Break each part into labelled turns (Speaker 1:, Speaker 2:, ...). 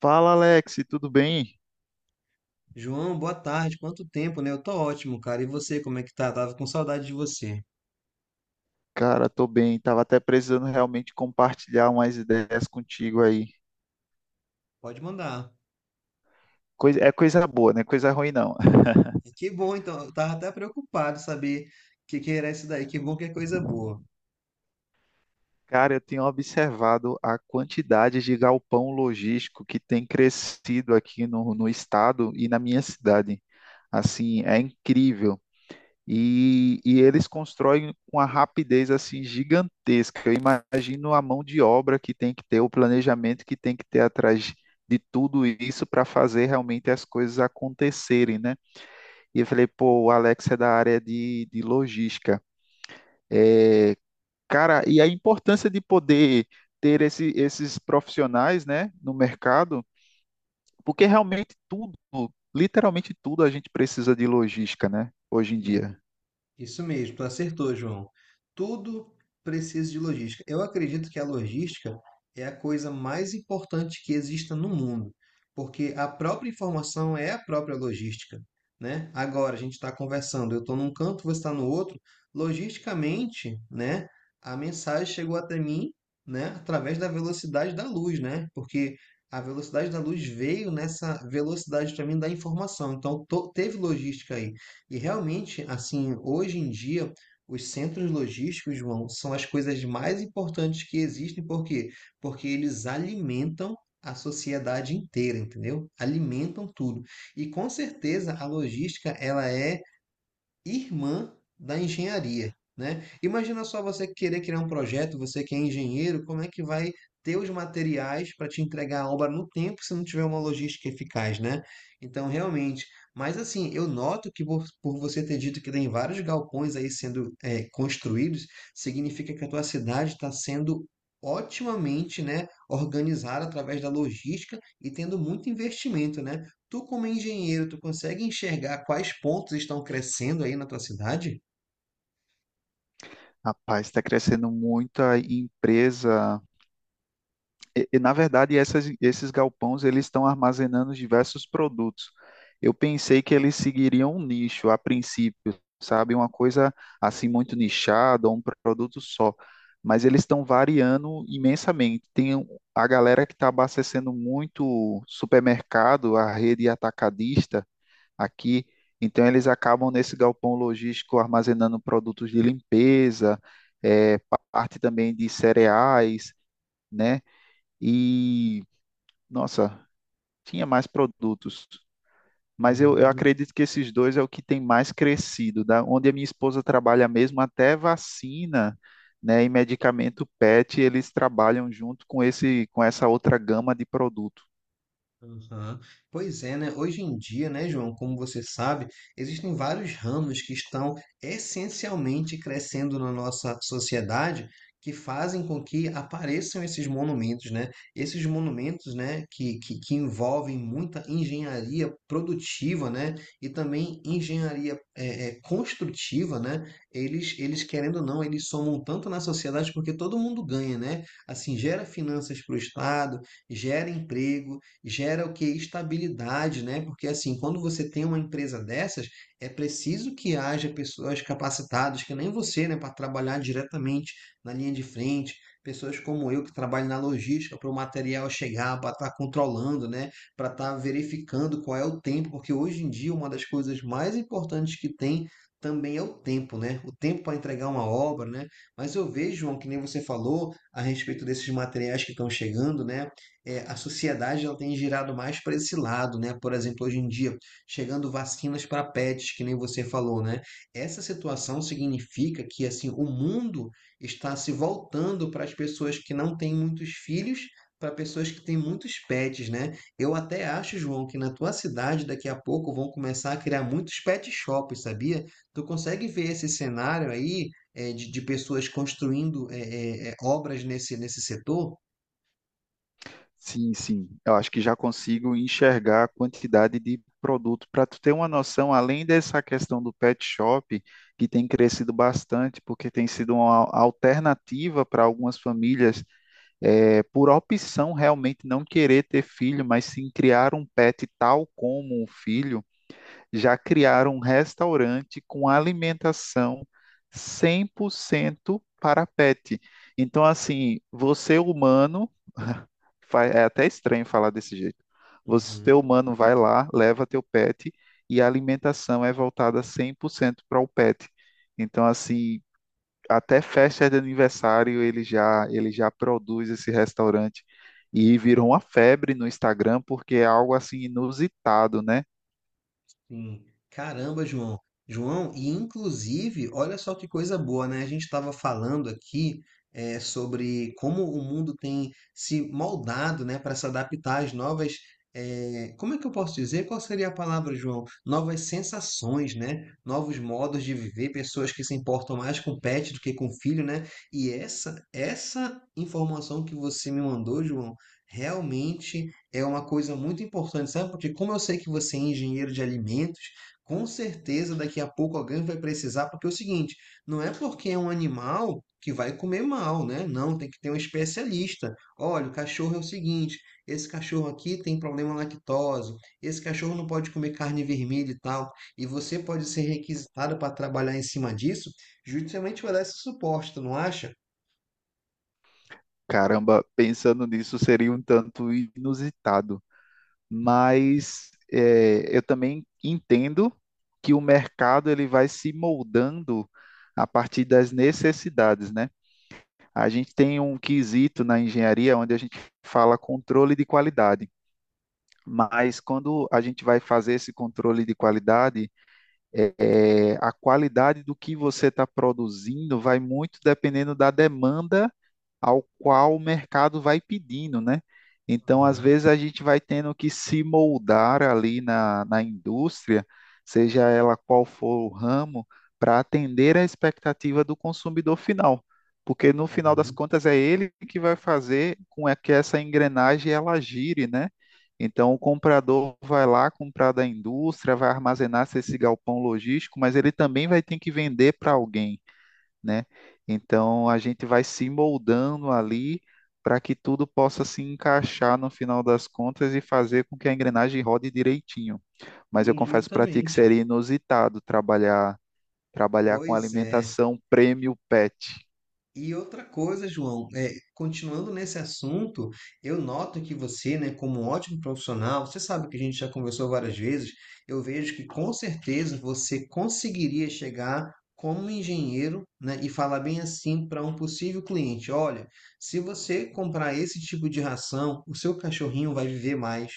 Speaker 1: Fala, Alex, tudo bem?
Speaker 2: João, boa tarde. Quanto tempo, né? Eu tô ótimo, cara. E você, como é que tá? Tava com saudade de você.
Speaker 1: Cara, tô bem. Tava até precisando realmente compartilhar umas ideias contigo aí.
Speaker 2: Pode mandar.
Speaker 1: É coisa boa, não é coisa ruim não.
Speaker 2: Que bom, então. Eu tava até preocupado saber o que era isso daí. Que bom que é coisa boa.
Speaker 1: Cara, eu tenho observado a quantidade de galpão logístico que tem crescido aqui no estado e na minha cidade. Assim, é incrível. E eles constroem com uma rapidez assim gigantesca. Eu imagino a mão de obra que tem que ter, o planejamento que tem que ter atrás de tudo isso para fazer realmente as coisas acontecerem, né? E eu falei, pô, o Alex é da área de logística. É, cara, e a importância de poder ter esses profissionais, né, no mercado, porque realmente tudo, literalmente tudo, a gente precisa de logística, né, hoje em
Speaker 2: Hum.
Speaker 1: dia.
Speaker 2: Isso mesmo, tu acertou, João. Tudo precisa de logística. Eu acredito que a logística é a coisa mais importante que exista no mundo, porque a própria informação é a própria logística, né? Agora a gente está conversando, eu estou num canto, você está no outro. Logisticamente, né? A mensagem chegou até mim, né? Através da velocidade da luz, né? Porque a velocidade da luz veio nessa velocidade para mim da informação. Então teve logística aí. E realmente, assim, hoje em dia, os centros logísticos, João, são as coisas mais importantes que existem, por quê? Porque eles alimentam a sociedade inteira, entendeu? Alimentam tudo. E com certeza a logística, ela é irmã da engenharia, né? Imagina só você querer criar um projeto, você que é engenheiro, como é que vai ter os materiais para te entregar a obra no tempo se não tiver uma logística eficaz, né? Então, realmente. Mas assim, eu noto que por você ter dito que tem vários galpões aí sendo construídos, significa que a tua cidade está sendo otimamente, né, organizada através da logística e tendo muito investimento, né? Tu, como engenheiro, tu consegue enxergar quais pontos estão crescendo aí na tua cidade?
Speaker 1: Rapaz, está crescendo muito a empresa. Na verdade, esses galpões eles estão armazenando diversos produtos. Eu pensei que eles seguiriam um nicho a princípio, sabe? Uma coisa assim muito nichada, um produto só. Mas eles estão variando imensamente. A galera que está abastecendo muito supermercado, a rede atacadista aqui. Então, eles acabam nesse galpão logístico armazenando produtos de limpeza, eh, parte também de cereais, né? E, nossa, tinha mais produtos. Mas eu
Speaker 2: Hum.
Speaker 1: acredito que esses dois é o que tem mais crescido, né? Onde a minha esposa trabalha mesmo, até vacina, né, e medicamento PET, eles trabalham junto com esse, com essa outra gama de produtos.
Speaker 2: Aham. Pois é, né? Hoje em dia, né, João, como você sabe, existem vários ramos que estão essencialmente crescendo na nossa sociedade que fazem com que apareçam esses monumentos, né? Esses monumentos, né, que envolvem muita engenharia produtiva, né? E também engenharia construtiva, né? Querendo ou não, eles somam tanto na sociedade porque todo mundo ganha, né? Assim, gera finanças para o Estado, gera emprego, gera o que? Estabilidade, né? Porque assim, quando você tem uma empresa dessas, é preciso que haja pessoas capacitadas, que nem você, né, para trabalhar diretamente na linha de frente, pessoas como eu que trabalho na logística para o material chegar, para estar controlando, né, para estar verificando qual é o tempo, porque hoje em dia uma das coisas mais importantes que tem também é o tempo, né? O tempo para entregar uma obra, né? Mas eu vejo, João, que nem você falou a respeito desses materiais que estão chegando, né? A sociedade ela tem girado mais para esse lado, né? Por exemplo, hoje em dia, chegando vacinas para pets, que nem você falou, né? Essa situação significa que assim o mundo está se voltando para as pessoas que não têm muitos filhos, para pessoas que têm muitos pets, né? Eu até acho, João, que na tua cidade daqui a pouco vão começar a criar muitos pet shops, sabia? Tu consegue ver esse cenário aí de pessoas construindo obras nesse setor?
Speaker 1: Sim, sim. Eu acho que já consigo enxergar a quantidade de produto. Para tu ter uma noção, além dessa questão do pet shop, que tem crescido bastante, porque tem sido uma alternativa para algumas famílias, por opção realmente não querer ter filho, mas sim criar um pet tal como um filho já criaram um restaurante com alimentação 100% para pet. Então, assim, você humano, é até estranho falar desse jeito. Você
Speaker 2: Uhum.
Speaker 1: humano vai lá, leva teu pet e a alimentação é voltada 100% para o pet. Então, assim, até festa de aniversário ele já produz esse restaurante e virou uma febre no Instagram porque é algo assim inusitado, né?
Speaker 2: Sim. Caramba, João. João, e inclusive, olha só que coisa boa, né? A gente estava falando aqui sobre como o mundo tem se moldado, né, para se adaptar às novas. Como é que eu posso dizer? Qual seria a palavra, João? Novas sensações, né? Novos modos de viver, pessoas que se importam mais com pet do que com filho, né? E essa informação que você me mandou, João, realmente é uma coisa muito importante, sabe? Porque como eu sei que você é engenheiro de alimentos, com certeza daqui a pouco alguém vai precisar, porque é o seguinte, não é porque é um animal que vai comer mal, né? Não, tem que ter um especialista. Olha, o cachorro é o seguinte, esse cachorro aqui tem problema lactose, esse cachorro não pode comer carne vermelha e tal, e você pode ser requisitado para trabalhar em cima disso, justamente vai dar esse suporte, tu não acha?
Speaker 1: Caramba, pensando nisso seria um tanto inusitado, mas é, eu também entendo que o mercado ele vai se moldando a partir das necessidades, né? A gente tem um quesito na engenharia onde a gente fala controle de qualidade, mas quando a gente vai fazer esse controle de qualidade, é, a qualidade do que você está produzindo vai muito dependendo da demanda ao qual o mercado vai pedindo, né? Então, às
Speaker 2: Aham.
Speaker 1: vezes, a gente vai tendo que se moldar ali na indústria, seja ela qual for o ramo, para atender a expectativa do consumidor final. Porque, no final das
Speaker 2: Uhum.
Speaker 1: contas, é ele que vai fazer com é que essa engrenagem ela gire, né? Então, o comprador vai lá comprar da indústria, vai armazenar esse galpão logístico, mas ele também vai ter que vender para alguém, né? Então a gente vai se moldando ali para que tudo possa se encaixar no final das contas e fazer com que a engrenagem rode direitinho. Mas eu
Speaker 2: Sim,
Speaker 1: confesso para ti que
Speaker 2: justamente.
Speaker 1: seria inusitado trabalhar com
Speaker 2: Pois é.
Speaker 1: alimentação premium pet.
Speaker 2: E outra coisa, João, continuando nesse assunto, eu noto que você, né, como um ótimo profissional, você sabe que a gente já conversou várias vezes, eu vejo que com certeza você conseguiria chegar como engenheiro, né, e falar bem assim para um possível cliente: olha, se você comprar esse tipo de ração, o seu cachorrinho vai viver mais.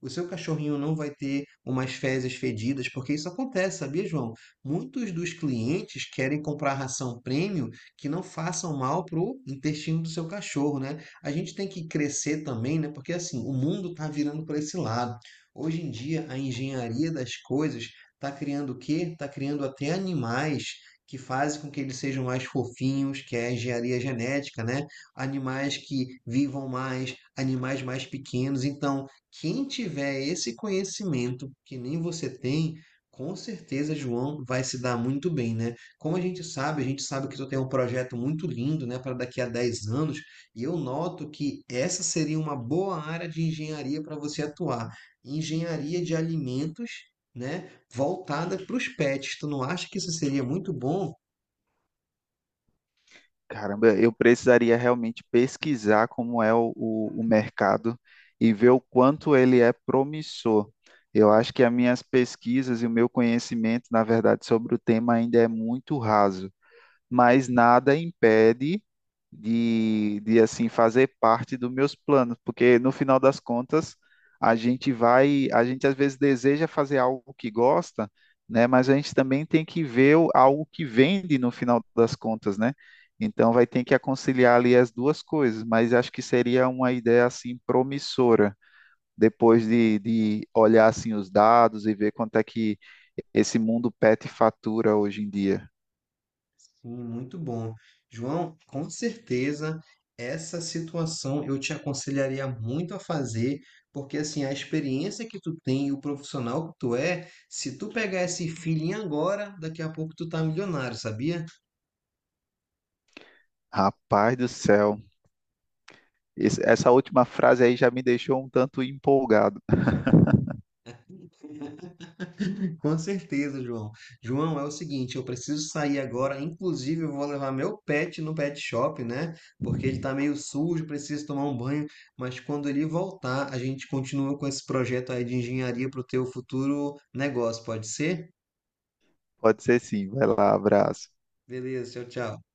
Speaker 2: O seu cachorrinho não vai ter umas fezes fedidas, porque isso acontece, sabia, João? Muitos dos clientes querem comprar ração premium que não façam mal para o intestino do seu cachorro, né? A gente tem que crescer também, né? Porque assim, o mundo está virando para esse lado. Hoje em dia, a engenharia das coisas está criando o quê? Está criando até animais que fazem com que eles sejam mais fofinhos, que é a engenharia genética, né? Animais que vivam mais, animais mais pequenos. Então, quem tiver esse conhecimento que nem você tem, com certeza, João, vai se dar muito bem, né? Como a gente sabe que tu tem um projeto muito lindo, né, para daqui a 10 anos, e eu noto que essa seria uma boa área de engenharia para você atuar. Engenharia de alimentos, né, voltada para os pets. Tu não acha que isso seria muito bom?
Speaker 1: Caramba, eu precisaria realmente pesquisar como é o mercado e ver o quanto ele é promissor. Eu acho que as minhas pesquisas e o meu conhecimento, na verdade, sobre o tema ainda é muito raso. Mas nada impede de assim fazer parte dos meus planos, porque no final das contas a gente às vezes deseja fazer algo que gosta, né? Mas a gente também tem que ver algo que vende no final das contas, né? Então vai ter que conciliar ali as duas coisas, mas acho que seria uma ideia assim promissora depois de olhar assim os dados e ver quanto é que esse mundo pet fatura hoje em dia.
Speaker 2: Sim, muito bom. João, com certeza essa situação eu te aconselharia muito a fazer, porque assim, a experiência que tu tem e o profissional que tu é, se tu pegar esse feeling agora, daqui a pouco tu tá milionário, sabia?
Speaker 1: Rapaz do céu. Essa última frase aí já me deixou um tanto empolgado.
Speaker 2: Com certeza, João. João, é o seguinte, eu preciso sair agora. Inclusive, eu vou levar meu pet no pet shop, né? Porque ele tá meio sujo, preciso tomar um banho. Mas quando ele voltar, a gente continua com esse projeto aí de engenharia para o teu futuro negócio, pode ser?
Speaker 1: Pode ser, sim. Vai lá, abraço.
Speaker 2: Beleza, tchau, tchau.